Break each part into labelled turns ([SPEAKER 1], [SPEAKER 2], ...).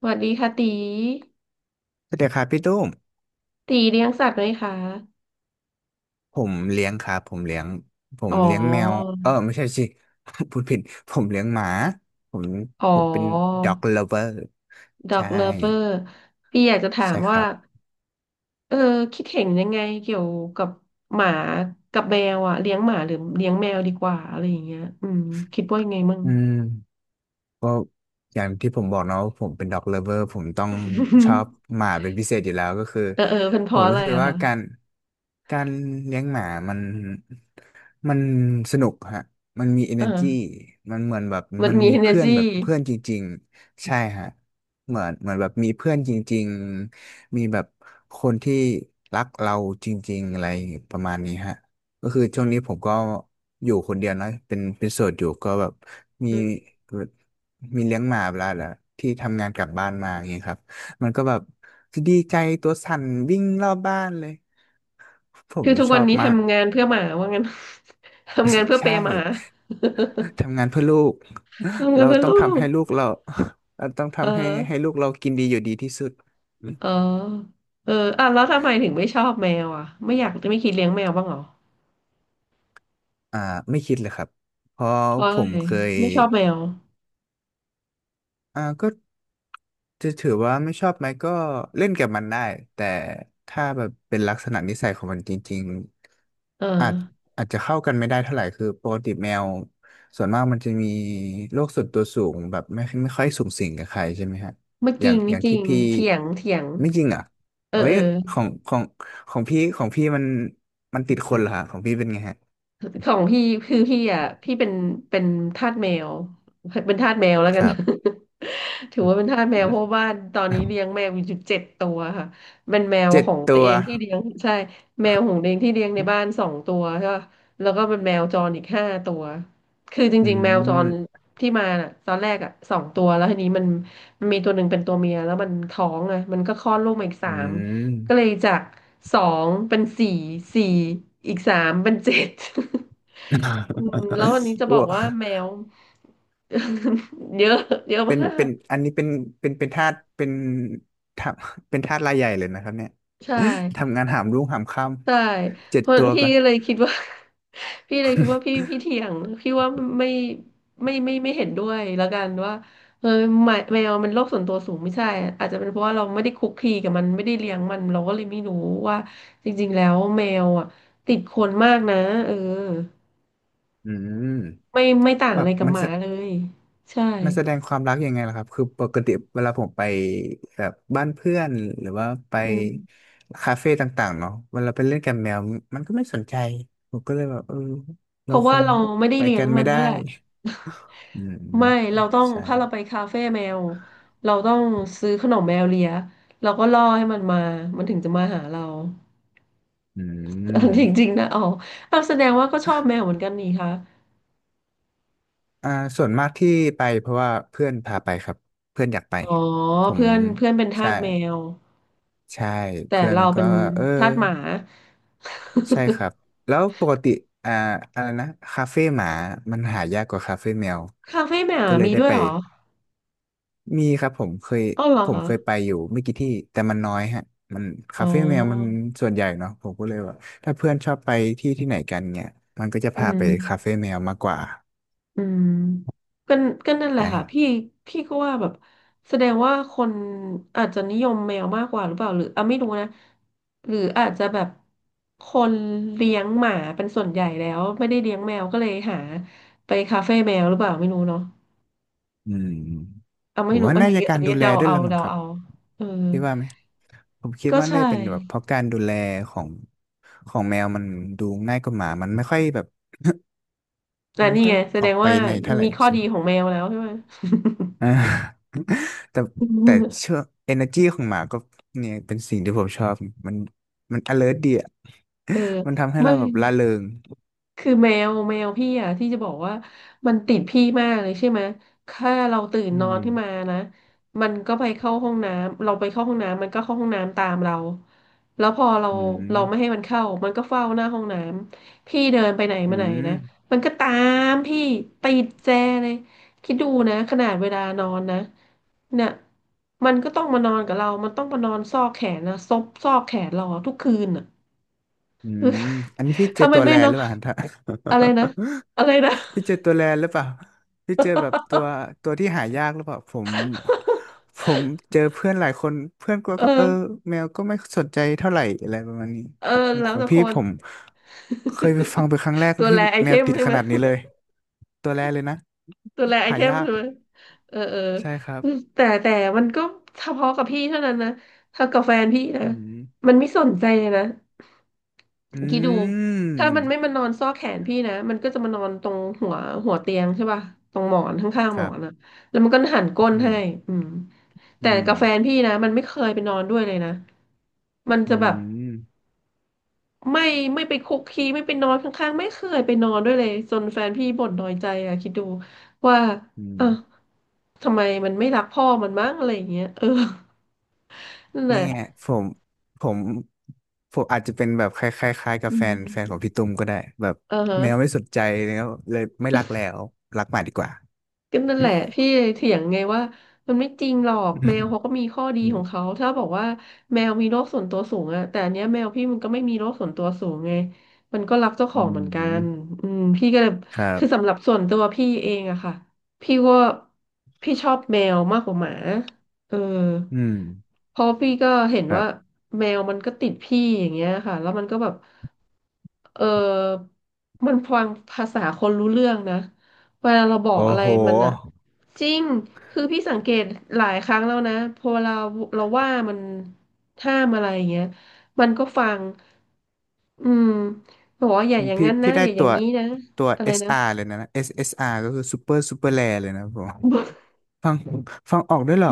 [SPEAKER 1] สวัสดีค่ะตี
[SPEAKER 2] สวัสดีครับพี่ตุ้ม
[SPEAKER 1] ตีเลี้ยงสัตว์ไหมคะ
[SPEAKER 2] ผมเลี้ยงครับผมเลี้ยงผ
[SPEAKER 1] อ๋
[SPEAKER 2] ม
[SPEAKER 1] อ
[SPEAKER 2] เลี้ยงแมวไม่ใช่สิ พูดผิดผมเลี้ยงหมาผม
[SPEAKER 1] อ๋อ
[SPEAKER 2] ผมเป็น dog lover
[SPEAKER 1] ด็อก
[SPEAKER 2] ใช่
[SPEAKER 1] เลิฟเวอร์พี่อยากจะถาม
[SPEAKER 2] ใช่ค
[SPEAKER 1] ว่า
[SPEAKER 2] รับ
[SPEAKER 1] เออคิดเห็นยังไงเกี่ยวกับหมากับแมวอะเลี้ยงหมาหรือเลี้ยงแมวดีกว่าอะไรอย่างเงี้ยคิดว่ายังไงมั่ง
[SPEAKER 2] อืม อย่างที่ผมบอกเนาะว่าผมเป็นด็อกเลิฟเวอร์ผมต้องชอ บหมาเป็นพิเศษอยู่แล้วก็คือ
[SPEAKER 1] เออเออเป็นเพ
[SPEAKER 2] ผ
[SPEAKER 1] ราะ
[SPEAKER 2] ม
[SPEAKER 1] อะ
[SPEAKER 2] รู้
[SPEAKER 1] ไร
[SPEAKER 2] สึก
[SPEAKER 1] อะ
[SPEAKER 2] ว่า
[SPEAKER 1] คะ
[SPEAKER 2] การเลี้ยงหมามันมันสนุกฮะมันมี energy
[SPEAKER 1] อ่า
[SPEAKER 2] มันเหมือนแบบ
[SPEAKER 1] มัน
[SPEAKER 2] มัน
[SPEAKER 1] มี
[SPEAKER 2] มีเพื่อ
[SPEAKER 1] energy
[SPEAKER 2] นแบบเพื่อนจริงๆใช่ฮะเหมือนแบบมีเพื่อนจริงๆมีแบบคนที่รักเราจริงๆอะไรประมาณนี้ฮะก็คือช่วงนี้ผมก็อยู่คนเดียวเนอะเป็นโสดอยู่ก็แบบมี
[SPEAKER 1] อืม
[SPEAKER 2] มีเลี้ยงหมาเวลาละที่ทำงานกลับบ้านมาอย่างเงี้ยครับมันก็แบบดีใจตัวสั่นวิ่งรอบบ้านเลยผ
[SPEAKER 1] คื
[SPEAKER 2] ม
[SPEAKER 1] อทุก
[SPEAKER 2] ช
[SPEAKER 1] วั
[SPEAKER 2] อ
[SPEAKER 1] น
[SPEAKER 2] บ
[SPEAKER 1] นี้
[SPEAKER 2] มาก
[SPEAKER 1] ทำงานเพื่อหมาว่างั้น ทำงานเพื่ อเป
[SPEAKER 2] ใช่
[SPEAKER 1] ย์หมา
[SPEAKER 2] ทำงานเพื่อลูก
[SPEAKER 1] ทำงาน
[SPEAKER 2] เรา
[SPEAKER 1] เพื่อ
[SPEAKER 2] ต้อ
[SPEAKER 1] ลู
[SPEAKER 2] งทำ
[SPEAKER 1] ก
[SPEAKER 2] ให้ลูกเรา เราต้อง
[SPEAKER 1] เออ
[SPEAKER 2] ทำให้ลูกเรากินดีอยู่ดีที่สุด
[SPEAKER 1] เออเอออ่ะแล้วทำไมถึงไม่ชอบแมวอ่ะ ไม่อยากจะไม่คิดเลี้ยงแมวบ้างเหรอ
[SPEAKER 2] อ่าไม่คิดเลยครับเพราะ
[SPEAKER 1] เพราะ
[SPEAKER 2] ผ
[SPEAKER 1] อะ
[SPEAKER 2] ม
[SPEAKER 1] ไร
[SPEAKER 2] เคย
[SPEAKER 1] ไม่ชอบแมว
[SPEAKER 2] อ่าก็จะถือว่าไม่ชอบไหมก็เล่นกับมันได้แต่ถ้าแบบเป็นลักษณะนิสัยของมันจริง
[SPEAKER 1] เออ
[SPEAKER 2] ๆอาจจะเข้ากันไม่ได้เท่าไหร่คือปกติแมวส่วนมากมันจะมีโรคส่วนตัวสูงแบบไม่ค่อยสูงสิงกับใครใช่ไหมฮะ
[SPEAKER 1] ไม่
[SPEAKER 2] อ
[SPEAKER 1] จ
[SPEAKER 2] ย่า
[SPEAKER 1] ริ
[SPEAKER 2] ง
[SPEAKER 1] ง
[SPEAKER 2] อ
[SPEAKER 1] ไม่
[SPEAKER 2] ย่าง
[SPEAKER 1] จริ
[SPEAKER 2] ที่
[SPEAKER 1] ง
[SPEAKER 2] พี่
[SPEAKER 1] เถียงเถียง
[SPEAKER 2] ไม่จริงอ่ะ
[SPEAKER 1] เออ
[SPEAKER 2] เอ้
[SPEAKER 1] เอ
[SPEAKER 2] ย
[SPEAKER 1] อ
[SPEAKER 2] ของของพี่มันมันติดคนเหรอฮะของพี่เป็นไงฮะ
[SPEAKER 1] ของพี่คือพี่อ่ะพี่เป็นทาสแมวเป็นทาสแมวแล้ว
[SPEAKER 2] ค
[SPEAKER 1] กัน
[SPEAKER 2] รับ
[SPEAKER 1] ถือว่าเป็นทาสแมวเพราะว่าตอนนี้เลี้ยงแมวอยู่เจ็ดตัวค่ะเป็นแมว
[SPEAKER 2] เจ็
[SPEAKER 1] ข
[SPEAKER 2] ด
[SPEAKER 1] องตั
[SPEAKER 2] ตั
[SPEAKER 1] ว
[SPEAKER 2] ว
[SPEAKER 1] เองที่เลี้ยงใช่แมวของตัวเองที่เลี้ยงในบ้านสองตัวใช่ปะแล้วก็เป็นแมวจรอีกห้าตัวคือจ
[SPEAKER 2] อื
[SPEAKER 1] ริงๆแมวจร
[SPEAKER 2] ม
[SPEAKER 1] ที่มาน่ะตอนแรกอ่ะสองตัวแล้วทีนี้มันมีตัวหนึ่งเป็นตัวเมียแล้วมันท้องอ่ะมันก็คลอดลูกมาอีกสา
[SPEAKER 2] อื
[SPEAKER 1] ม ก็เล
[SPEAKER 2] ม
[SPEAKER 1] ยจากสองเป็นสี่สี่อีกสามเป็นเจ็ด อืมแล้ววันนี้จะ
[SPEAKER 2] โอ
[SPEAKER 1] บอกว่าแม
[SPEAKER 2] ้
[SPEAKER 1] ว เยอะเยอะ
[SPEAKER 2] เป็
[SPEAKER 1] มา
[SPEAKER 2] นเป็
[SPEAKER 1] ก
[SPEAKER 2] นอันนี้เป็นทาสทาเป็นทาสรายใหญ่เลยนะครับเนี่ย
[SPEAKER 1] ใช่
[SPEAKER 2] ทำงานหามรุ่งหามค่
[SPEAKER 1] ใช่
[SPEAKER 2] ำเจ็
[SPEAKER 1] เพ
[SPEAKER 2] ด
[SPEAKER 1] ราะ
[SPEAKER 2] ตัว
[SPEAKER 1] พี่
[SPEAKER 2] ก่อน
[SPEAKER 1] ก็เลยคิดว่า พี่เลยคิดว่าพี่เถียงพี่ว่าไม่ไม่เห็นด้วยแล้วกันว่าเออแมวมันโรคส่วนตัวสูงไม่ใช่อาจจะเป็นเพราะว่าเราไม่ได้คุกคีกับมันไม่ได้เลี้ยงมันเราก็เลยไม่รู้ว่าจริงๆแล้วแมวอ่ะติดคนมากนะเออ
[SPEAKER 2] อืม
[SPEAKER 1] ไม่ต่าง
[SPEAKER 2] แบ
[SPEAKER 1] อะไร
[SPEAKER 2] บ
[SPEAKER 1] กับหมาเลยใช่
[SPEAKER 2] มันแสดงความรักยังไงล่ะครับ คือปกติเวลาผมไปแบบบ้านเพื่อนหรือว่าไป
[SPEAKER 1] อืม
[SPEAKER 2] คาเฟ่ต่างๆเนาะเวลาไปเล่นกับแมวมันก็ไม่สนใจ ผมก็เลยแบบเออ
[SPEAKER 1] เพ
[SPEAKER 2] เรา
[SPEAKER 1] ราะ
[SPEAKER 2] ค
[SPEAKER 1] ว่า
[SPEAKER 2] ง
[SPEAKER 1] เราไม่ได้
[SPEAKER 2] ไป
[SPEAKER 1] เลี้ย
[SPEAKER 2] กั
[SPEAKER 1] ง
[SPEAKER 2] น
[SPEAKER 1] มั
[SPEAKER 2] ไม่
[SPEAKER 1] น
[SPEAKER 2] ได้
[SPEAKER 1] ด้วยแหละ
[SPEAKER 2] อืม
[SPEAKER 1] ไม่
[SPEAKER 2] อา
[SPEAKER 1] เรา
[SPEAKER 2] จ
[SPEAKER 1] ต้
[SPEAKER 2] จะ
[SPEAKER 1] อง
[SPEAKER 2] ใช่
[SPEAKER 1] ถ้าเราไปคาเฟ่แมวเราต้องซื้อขนมแมวเลียเราก็ล่อให้มันมามันถึงจะมาหาเรา
[SPEAKER 2] อืม
[SPEAKER 1] จริงๆนะอ๋อเอาวแสดงว่าก็ชอบแมวเหมือนกันนี่คะ
[SPEAKER 2] อ่าส่วนมากที่ไปเพราะว่าเพื่อนพาไปครับเพื่อนอยากไป
[SPEAKER 1] อ๋อ
[SPEAKER 2] ผม
[SPEAKER 1] เพื่อนเพื่อนเป็นทา
[SPEAKER 2] ใช่
[SPEAKER 1] สแมว
[SPEAKER 2] ใช่
[SPEAKER 1] แต่
[SPEAKER 2] เพื่อน
[SPEAKER 1] เรา
[SPEAKER 2] ก็
[SPEAKER 1] เป็น
[SPEAKER 2] เออ
[SPEAKER 1] ทาสหมา
[SPEAKER 2] ใช่ค รับแล้วปกติอ่าอะไรนะคาเฟ่หมามันหายากกว่าคาเฟ่แมว
[SPEAKER 1] คาเฟ่แมว
[SPEAKER 2] ก็เลย
[SPEAKER 1] มี
[SPEAKER 2] ได้
[SPEAKER 1] ด้วย
[SPEAKER 2] ไป
[SPEAKER 1] เหรอ
[SPEAKER 2] มีครับผมเคย
[SPEAKER 1] อ๋อเหรอ
[SPEAKER 2] ผม
[SPEAKER 1] คะ
[SPEAKER 2] เคยไปอยู่ไม่กี่ที่แต่มันน้อยฮะมัน
[SPEAKER 1] อ๋อ
[SPEAKER 2] คาเฟ่แมวมันส่วนใหญ่เนาะผมก็เลยว่าถ้าเพื่อนชอบไปที่ที่ไหนกันเนี่ยมันก็จะ
[SPEAKER 1] อื
[SPEAKER 2] พาไป
[SPEAKER 1] ม
[SPEAKER 2] คาเฟ่แมวมากกว่า
[SPEAKER 1] อืมก็ก็นั่นแหละ
[SPEAKER 2] ใช่
[SPEAKER 1] ค่ะพี่พี่ก็ว่าแบบแสดงว่าคนอาจจะนิยมแมวมากกว่าหรือเปล่าหรืออ่ะไม่รู้นะหรืออาจจะแบบคนเลี้ยงหมาเป็นส่วนใหญ่แล้วไม่ได้เลี้ยงแมวก็เลยหาไปคาเฟ่แมวหรือเปล่าไม่รู้เนาะ
[SPEAKER 2] อืม
[SPEAKER 1] อ่ะ
[SPEAKER 2] ผ
[SPEAKER 1] ไม่
[SPEAKER 2] ม
[SPEAKER 1] รู้
[SPEAKER 2] ว่า
[SPEAKER 1] อัน
[SPEAKER 2] น่า
[SPEAKER 1] นี้
[SPEAKER 2] จะกา
[SPEAKER 1] อัน
[SPEAKER 2] ร
[SPEAKER 1] นี้
[SPEAKER 2] ดูแล
[SPEAKER 1] เดา
[SPEAKER 2] ด้วย
[SPEAKER 1] เอา
[SPEAKER 2] ละมั้ง
[SPEAKER 1] เดา
[SPEAKER 2] ครับ
[SPEAKER 1] เอาเออ
[SPEAKER 2] พี่ว่าไหมผมคิด
[SPEAKER 1] ก็
[SPEAKER 2] ว่าน่า
[SPEAKER 1] ใช่
[SPEAKER 2] จะเป็นแบบเพราะการดูแลของของแมวมันดูง่ายกว่าหมามันไม่ค่อยแบบ
[SPEAKER 1] แต่
[SPEAKER 2] ไม่
[SPEAKER 1] นี่
[SPEAKER 2] ค่อ
[SPEAKER 1] ไง
[SPEAKER 2] ย
[SPEAKER 1] แส
[SPEAKER 2] อ
[SPEAKER 1] ด
[SPEAKER 2] อก
[SPEAKER 1] ง
[SPEAKER 2] ไป
[SPEAKER 1] ว่า
[SPEAKER 2] ในเท่าไหร่
[SPEAKER 1] มีข้อ
[SPEAKER 2] ใช่
[SPEAKER 1] ดี
[SPEAKER 2] ไหม
[SPEAKER 1] ของแมวแล้วใช่ไหม
[SPEAKER 2] อ่า แต่แต่เชื่ อ energy ของหมาก็เนี่ยเป็นสิ่งที่ผมชอบมันมัน alert ดีอะ
[SPEAKER 1] เออ
[SPEAKER 2] มันทำให้
[SPEAKER 1] ไม่
[SPEAKER 2] เราแบบร่าเริง
[SPEAKER 1] คือแมวพี่อ่ะที่จะบอกว่ามันติดพี่มากเลยใช่ไหมถ้าเราตื่น
[SPEAKER 2] อื
[SPEAKER 1] นอน
[SPEAKER 2] ม
[SPEAKER 1] ขึ้นมานะมันก็ไปเข้าห้องน้ำเราไปเข้าห้องน้ำมันก็เข้าห้องน้ำตามเราแล้วพอเรา
[SPEAKER 2] อื
[SPEAKER 1] เราไม่ให้
[SPEAKER 2] ม
[SPEAKER 1] มันเข้ามันก็เฝ้าหน้าห้องน้ำพี่เดินไปไหน
[SPEAKER 2] อื
[SPEAKER 1] มาไหน
[SPEAKER 2] ม
[SPEAKER 1] นะมันก็ตามพี่ติดแจเลยคิดดูนะขนาดเวลานอนนะเนี่ยมันก็ต้องมานอนกับเรามันต้องมานอนซอกแขนนะซบซอกแขนเราทุกคืนอ่ะ
[SPEAKER 2] อืมอันนี้พี่ เจ
[SPEAKER 1] ถ้า
[SPEAKER 2] อ
[SPEAKER 1] มั
[SPEAKER 2] ตั
[SPEAKER 1] น
[SPEAKER 2] ว
[SPEAKER 1] ไม่
[SPEAKER 2] แล
[SPEAKER 1] นอ
[SPEAKER 2] หรื
[SPEAKER 1] น
[SPEAKER 2] อเปล่าฮะ
[SPEAKER 1] อะไรนะ อะไรนะ
[SPEAKER 2] พี่เจอตัวแลนหรือเปล่าพี่เจอแบบตัว ตัวที่หายากหรือเปล่าผมผมเจอเพื่อนหลายคนเพื่อนก็ก็เออ
[SPEAKER 1] เออ
[SPEAKER 2] แมวก็ไม่สนใจเท่าไหร่อะไรประมาณนี้
[SPEAKER 1] เออ
[SPEAKER 2] ของ
[SPEAKER 1] แล้
[SPEAKER 2] ข
[SPEAKER 1] ว
[SPEAKER 2] อง
[SPEAKER 1] แต่ค
[SPEAKER 2] พี่
[SPEAKER 1] น
[SPEAKER 2] ผมเคยไปฟังเป็นครั้งแรก
[SPEAKER 1] ตัว
[SPEAKER 2] ที่
[SPEAKER 1] แลไอ
[SPEAKER 2] แม
[SPEAKER 1] เท
[SPEAKER 2] ว
[SPEAKER 1] ม
[SPEAKER 2] ติด
[SPEAKER 1] ใช่
[SPEAKER 2] ข
[SPEAKER 1] ไหม
[SPEAKER 2] นาดนี้เลยตัวแลเลยนะ
[SPEAKER 1] ตัวแลไอ
[SPEAKER 2] หา
[SPEAKER 1] เทม
[SPEAKER 2] ยาก
[SPEAKER 1] ใช่ไหมเออเออ
[SPEAKER 2] ใช่ครับ
[SPEAKER 1] แต่มันก็เฉพาะกับพี่เท่านั้นนะถ้ากับแฟนพี่นะ
[SPEAKER 2] อืม
[SPEAKER 1] มันไม่สนใจเลยนะ
[SPEAKER 2] อื
[SPEAKER 1] คิดดูถ้ามันไม่มา
[SPEAKER 2] ม
[SPEAKER 1] นอนซอกแขนพี่นะ มันก็จะมานอนตรงหัวหัวเตียงใช่ป่ะตรงหมอนข้างๆ
[SPEAKER 2] ค
[SPEAKER 1] หมอ
[SPEAKER 2] รับ
[SPEAKER 1] นอ่ะแล้วมันก็หันก้น
[SPEAKER 2] อื
[SPEAKER 1] ให้
[SPEAKER 2] ม
[SPEAKER 1] อืม
[SPEAKER 2] อื
[SPEAKER 1] แต่
[SPEAKER 2] ม
[SPEAKER 1] กับแฟนพี่นะมันไม่เคยไปนอนด้วยเลยนะ มันจะ
[SPEAKER 2] อื
[SPEAKER 1] แบบ
[SPEAKER 2] ม
[SPEAKER 1] ไม่ไม่ไปคุกคีไม่ไปนอนข้างๆไม่เคยไปนอนด้วยเลยจนแฟนพี่บ่นน้อยใจอะคิดดูว่า
[SPEAKER 2] อืม
[SPEAKER 1] อ่ะทำไมมันไม่รักพ่อมันมั้งอะไรอย่างเงี้ยเออนั่นแห
[SPEAKER 2] นี่
[SPEAKER 1] ละ
[SPEAKER 2] ไงผมผมผมอาจจะเป็นแบบคล้ายๆคล้ายกับ
[SPEAKER 1] อื
[SPEAKER 2] แฟน
[SPEAKER 1] ม
[SPEAKER 2] ของพี่ตุ้มก็ได้แบบ
[SPEAKER 1] เออฮะ
[SPEAKER 2] แมวไม่สนใจแล้วเลยไม่รักแล้วรักหมาดีกว่า
[SPEAKER 1] ก็นั่นแหละพี่เลยเถียงไงว่ามันไม่จริงหรอก
[SPEAKER 2] อื
[SPEAKER 1] แม
[SPEAKER 2] ม
[SPEAKER 1] วเขาก็มีข้อดี
[SPEAKER 2] อื
[SPEAKER 1] ข
[SPEAKER 2] ม
[SPEAKER 1] องเขาถ้าบอกว่าแมวมีโรคส่วนตัวสูงอะแต่อันเนี้ยแมวพี่มันก็ไม่มีโรคส่วนตัวสูงไงมันก็รักเจ้าข
[SPEAKER 2] อื
[SPEAKER 1] องเหมือนกัน
[SPEAKER 2] ม
[SPEAKER 1] อืมพี่ก็เลย
[SPEAKER 2] ครั
[SPEAKER 1] คือ
[SPEAKER 2] บ
[SPEAKER 1] สำหรับส่วนตัวพี่เองอะค่ะพี่ว่าพี่ชอบแมวมากกว่าหมาเออ
[SPEAKER 2] อืม
[SPEAKER 1] เพราะพี่ก็เห็น
[SPEAKER 2] ครั
[SPEAKER 1] ว่า
[SPEAKER 2] บ
[SPEAKER 1] แมวมันก็ติดพี่อย่างเงี้ยค่ะแล้วมันก็แบบเออมันฟังภาษาคนรู้เรื่องนะ เวลาเราบอก
[SPEAKER 2] โอ้
[SPEAKER 1] อะไร
[SPEAKER 2] โห
[SPEAKER 1] มันอะจริงคือพี่สังเกตหลายครั้งแล้วนะพอเราว่ามันห้ามอะไรอย่างเงี้ยมันก็ฟังอืมบอกว่าอย่าอย่าง
[SPEAKER 2] พี่
[SPEAKER 1] นั้นนะ
[SPEAKER 2] พี่ได้
[SPEAKER 1] อย่าอ
[SPEAKER 2] ตั
[SPEAKER 1] ย่าง
[SPEAKER 2] ว
[SPEAKER 1] นี้นะ
[SPEAKER 2] ตัว
[SPEAKER 1] อะไรนะ
[SPEAKER 2] SR เลยนะ SSR ก็คือ Super Super Rare เลยนะผมฟังฟังออกด้วยเหรอ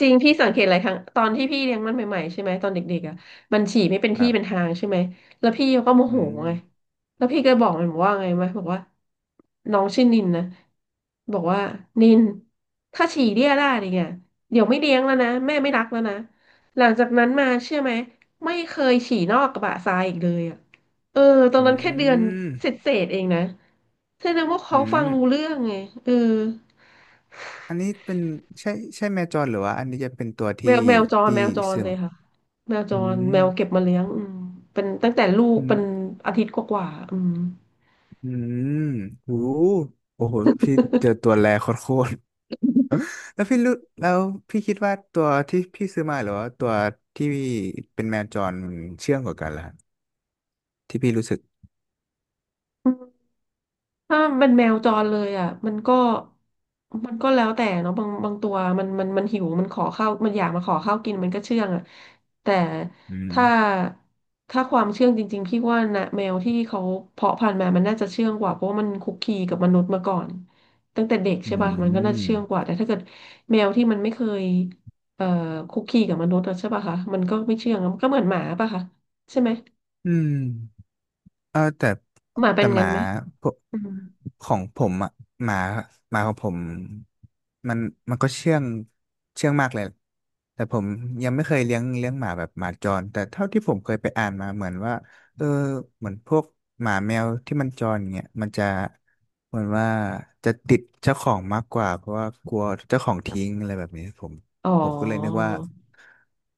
[SPEAKER 1] จริงพี่ สังเกตหลายครั้งตอนที่พี่เลี้ยงมันใหม่ๆใช่ไหมตอนเด็กๆอ่ะมันฉี่ไม่เป็น
[SPEAKER 2] ค
[SPEAKER 1] ที่
[SPEAKER 2] รั
[SPEAKER 1] เป็น
[SPEAKER 2] บ
[SPEAKER 1] ทางใช่ไหมแล้วพี่ก็โม
[SPEAKER 2] อื
[SPEAKER 1] โห
[SPEAKER 2] ม
[SPEAKER 1] ไงแล้วพี่ก็บอกมันบอกว่าไงไหมบอกว่าน้องชื่อนินนะบอกว่านินถ้าฉี่เรี่ยได้เนี่ยเดี๋ยวไม่เลี้ยงแล้วนะแม่ไม่รักแล้วนะหลังจากนั้นมาเชื่อไหมไม่เคยฉี่นอกกระบะทรายอีกเลยอ่ะเออตอน
[SPEAKER 2] อื
[SPEAKER 1] นั้นแค่เดือน
[SPEAKER 2] ม
[SPEAKER 1] เศษๆเองนะแสดงว่า
[SPEAKER 2] อื
[SPEAKER 1] เขาฟั
[SPEAKER 2] ม
[SPEAKER 1] งรู้เรื่องไงเออ
[SPEAKER 2] อันนี้เป็นใช่ใช่แมวจรหรือว่าอันนี้จะเป็นตัว
[SPEAKER 1] แม
[SPEAKER 2] ที่
[SPEAKER 1] วแมวจร
[SPEAKER 2] ที่
[SPEAKER 1] แมวจร
[SPEAKER 2] ซื้อ
[SPEAKER 1] เล
[SPEAKER 2] มา
[SPEAKER 1] ยค่ะแมวจ
[SPEAKER 2] อื
[SPEAKER 1] ร
[SPEAKER 2] ม
[SPEAKER 1] แมวเก็บมาเลี้ยงอืมเป็นตั้งแต่ลูก
[SPEAKER 2] อืม
[SPEAKER 1] เป็นอาทิตย์กว่าๆอืม
[SPEAKER 2] อืมโอ้โอ้โหพี่เจอตัวแรโคตรๆ แล้วพี่รู้แล้วพี่คิดว่าตัวที่พี่ซื้อมาหรือว่าตัวที่เป็นแมวจรมันเชื่องกว่ากันล่ะที่พี่รู้สึก
[SPEAKER 1] ถ้าเป็นแมวจรเลยอ่ะมันก็แล้วแต่เนาะบางตัวมันหิวมันขอข้าวมันอยากมาขอข้าวกินมันก็เชื่องอ่ะแต่
[SPEAKER 2] อืม
[SPEAKER 1] ถ้าความเชื่องจริงๆพี่ว่านะแมวที่เขาเพาะพันธุ์มามันน่าจะเชื่องกว่าเพราะว่ามันคุกคีกับมนุษย์มาก่อนตั้งแต่เด็ก
[SPEAKER 2] อื
[SPEAKER 1] ใช่ป่ะมันก็น่าจะ
[SPEAKER 2] ม
[SPEAKER 1] เชื่องกว่าแต่ถ้าเกิดแมวที่มันไม่เคยเอ่อคุกคีกับมนุษย์อะใช่ป่ะคะมันก็ไม่เชื่องอะมันก็เหมือนหมาป่ะคะใช่ไหม
[SPEAKER 2] อืม เออแต่
[SPEAKER 1] หมาเป็
[SPEAKER 2] แต่
[SPEAKER 1] น
[SPEAKER 2] ห
[SPEAKER 1] งั้
[SPEAKER 2] มา
[SPEAKER 1] นไหม
[SPEAKER 2] พวก
[SPEAKER 1] อืม
[SPEAKER 2] ของผมอ่ะหมาหมาของผมมันมันก็เชื่องเชื่องมากเลยแต่ผมยังไม่เคยเลี้ยงหมาแบบหมาจรแต่เท่าที่ผมเคยไปอ่านมาเหมือนว่าเออเหมือนพวกหมาแมวที่มันจรเนี้ยมันจะเหมือนว่าจะติดเจ้าของมากกว่าเพราะว่ากลัวเจ้าของทิ้งอะไรแบบนี้
[SPEAKER 1] อ๋อ
[SPEAKER 2] ผมก็เลยนึกว่า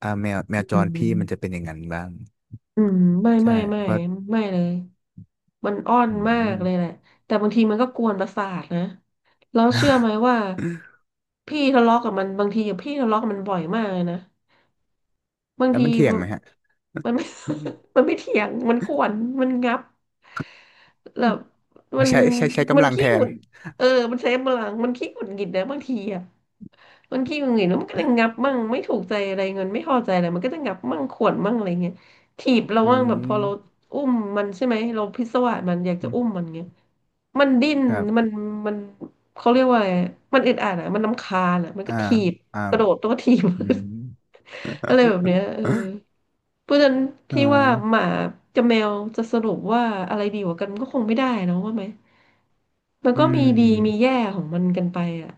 [SPEAKER 2] อ่าแมวจ
[SPEAKER 1] อื
[SPEAKER 2] รพี่มันจะเป็
[SPEAKER 1] ม
[SPEAKER 2] นอย่างนั้นบ้าง
[SPEAKER 1] อืมไม่
[SPEAKER 2] ใช่
[SPEAKER 1] ไม่ไม่
[SPEAKER 2] เพราะ
[SPEAKER 1] ไม่เลยมันอ้อน
[SPEAKER 2] อื
[SPEAKER 1] มากเลยแหละ
[SPEAKER 2] ม
[SPEAKER 1] แต่บางทีมันก็กวนประสาทนะแล้วเชื่อไหมว่าพี่ทะเลาะกับมันบางทีอะพี่ทะเลาะกับมันบ่อยมากเลยนะบาง
[SPEAKER 2] แล้ว
[SPEAKER 1] ที
[SPEAKER 2] มันเถียงไหมฮะ
[SPEAKER 1] มันมันไม
[SPEAKER 2] อืม
[SPEAKER 1] มันไม่เถียงมันข่วนมันงับ
[SPEAKER 2] อ
[SPEAKER 1] แล้ว
[SPEAKER 2] ๋อ
[SPEAKER 1] มัน
[SPEAKER 2] ใช้ใช้
[SPEAKER 1] มัน
[SPEAKER 2] กำลังแท
[SPEAKER 1] ขี้หงุ
[SPEAKER 2] น
[SPEAKER 1] ดเออมันใช้พลังมันขี้หงุดหงิดนะบางทีอ่ะ บางทีมังเห็นแล้วมันก็จะงับมั่งไม่ถูกใจอะไรเงินไม่พอใจอะไรมันก็จะงับมั่งขวนมั่งอะไรเงี้ยถีบเรา
[SPEAKER 2] อื
[SPEAKER 1] มั่งแบบพอเรา
[SPEAKER 2] ม
[SPEAKER 1] อุ้มมันใช่ไหมเราพิศวาสมันอยากจะอุ้มมันเงี้ยมันดิ้น
[SPEAKER 2] ครั
[SPEAKER 1] มัน
[SPEAKER 2] บ
[SPEAKER 1] มันเขาเรียกว่าอะไรมันอึดอัดอ่ะมันรำคาญอ่ะมันก็
[SPEAKER 2] อ่า
[SPEAKER 1] ถีบ
[SPEAKER 2] อ่า
[SPEAKER 1] กระโดดตัวถีบ
[SPEAKER 2] อืม
[SPEAKER 1] อะไรแบบเนี้ยเออเพราะฉะนั้น
[SPEAKER 2] อ่
[SPEAKER 1] พี่ว่าห
[SPEAKER 2] า
[SPEAKER 1] มากับแมวจะสรุปว่าอะไรดีกว่ากันมันก็คงไม่ได้เนอะว่าไหมมัน
[SPEAKER 2] อื
[SPEAKER 1] ก็มีดีมี
[SPEAKER 2] ม
[SPEAKER 1] แย่ของมันกันไปอ่ะ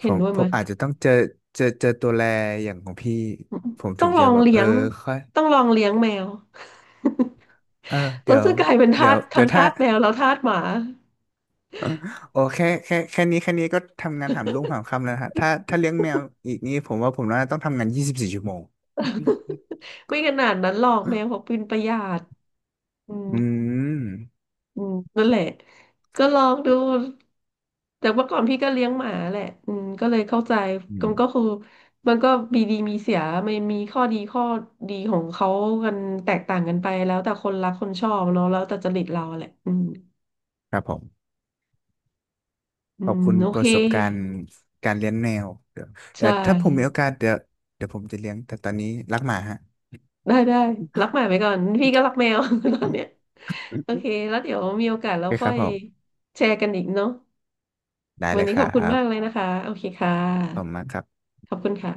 [SPEAKER 2] ผ
[SPEAKER 1] เห็น
[SPEAKER 2] ม
[SPEAKER 1] ด้วย
[SPEAKER 2] ผ
[SPEAKER 1] ไหม
[SPEAKER 2] มอาจจะต้องเจอเจอตัวแลอย่างของพี่ผม
[SPEAKER 1] ต้
[SPEAKER 2] ถึ
[SPEAKER 1] อ
[SPEAKER 2] ง
[SPEAKER 1] งล
[SPEAKER 2] จะ
[SPEAKER 1] อง
[SPEAKER 2] แบบ
[SPEAKER 1] เลี้
[SPEAKER 2] เอ
[SPEAKER 1] ย
[SPEAKER 2] อ
[SPEAKER 1] ง
[SPEAKER 2] ค่อย
[SPEAKER 1] ต้องลองเลี้ยงแมว
[SPEAKER 2] เออ
[SPEAKER 1] แล้
[SPEAKER 2] เดี๋
[SPEAKER 1] ว
[SPEAKER 2] ยว
[SPEAKER 1] จะกลายเป็น
[SPEAKER 2] เดี๋
[SPEAKER 1] ทา
[SPEAKER 2] ยว
[SPEAKER 1] สทั้
[SPEAKER 2] เดี๋ย
[SPEAKER 1] ง
[SPEAKER 2] วถ้า
[SPEAKER 1] ทาสแมวแล้วทาสหมา
[SPEAKER 2] โอ้แค่แค่นี้แค่นี้ก็ทำงานหามรุ่งหามค่ำแล้วนะฮะถ้าเลี้ยงแมวอีกนี่ผมว่าผมน่าจะต้องทำงาน24 ชั่วโมง
[SPEAKER 1] ไม่ขนาดนั้นหรอกแมวเขาเป็นประหยัดอืม
[SPEAKER 2] อืม
[SPEAKER 1] อืมนั่นแหละก็ลองดูแต่เมื่อก่อนพี่ก็เลี้ยงหมาแหละอืมก็เลยเข้าใจ
[SPEAKER 2] อื
[SPEAKER 1] มั
[SPEAKER 2] ม
[SPEAKER 1] นก็คือมันก็มีดีมีเสียมันมีข้อดีของเขากันแตกต่างกันไปแล้วแต่คนรักคนชอบเนาะแล้วแต่จริตเราแหละอืม
[SPEAKER 2] ครับผม
[SPEAKER 1] อื
[SPEAKER 2] ขอบ
[SPEAKER 1] ม
[SPEAKER 2] คุณ
[SPEAKER 1] โอ
[SPEAKER 2] ป
[SPEAKER 1] เค
[SPEAKER 2] ระสบการณ์การเลี้ยงแมวเดี๋ยว
[SPEAKER 1] ใช่
[SPEAKER 2] ถ้าผมมีโอกาสเดี๋ยวเดี๋ยวผมจะเลี้ยงแต่ตอนนี้รักหมาฮะ
[SPEAKER 1] ได้ได้รักหมาไปก่อนพี่ก็รักแมว ตอนเนี้ยโอ เคแล้วเดี๋ยวมีโอกาส
[SPEAKER 2] โอ
[SPEAKER 1] เรา
[SPEAKER 2] เคค
[SPEAKER 1] ค่อ
[SPEAKER 2] รับ
[SPEAKER 1] ย
[SPEAKER 2] ผม
[SPEAKER 1] แชร์กันอีกเนาะ
[SPEAKER 2] ได้
[SPEAKER 1] วั
[SPEAKER 2] เล
[SPEAKER 1] น
[SPEAKER 2] ย
[SPEAKER 1] นี้
[SPEAKER 2] ค
[SPEAKER 1] ข
[SPEAKER 2] รั
[SPEAKER 1] อบคุณมากเลย
[SPEAKER 2] บ
[SPEAKER 1] นะคะโอเคค่
[SPEAKER 2] ผม
[SPEAKER 1] ะ
[SPEAKER 2] มากครับ
[SPEAKER 1] ขอบคุณค่ะ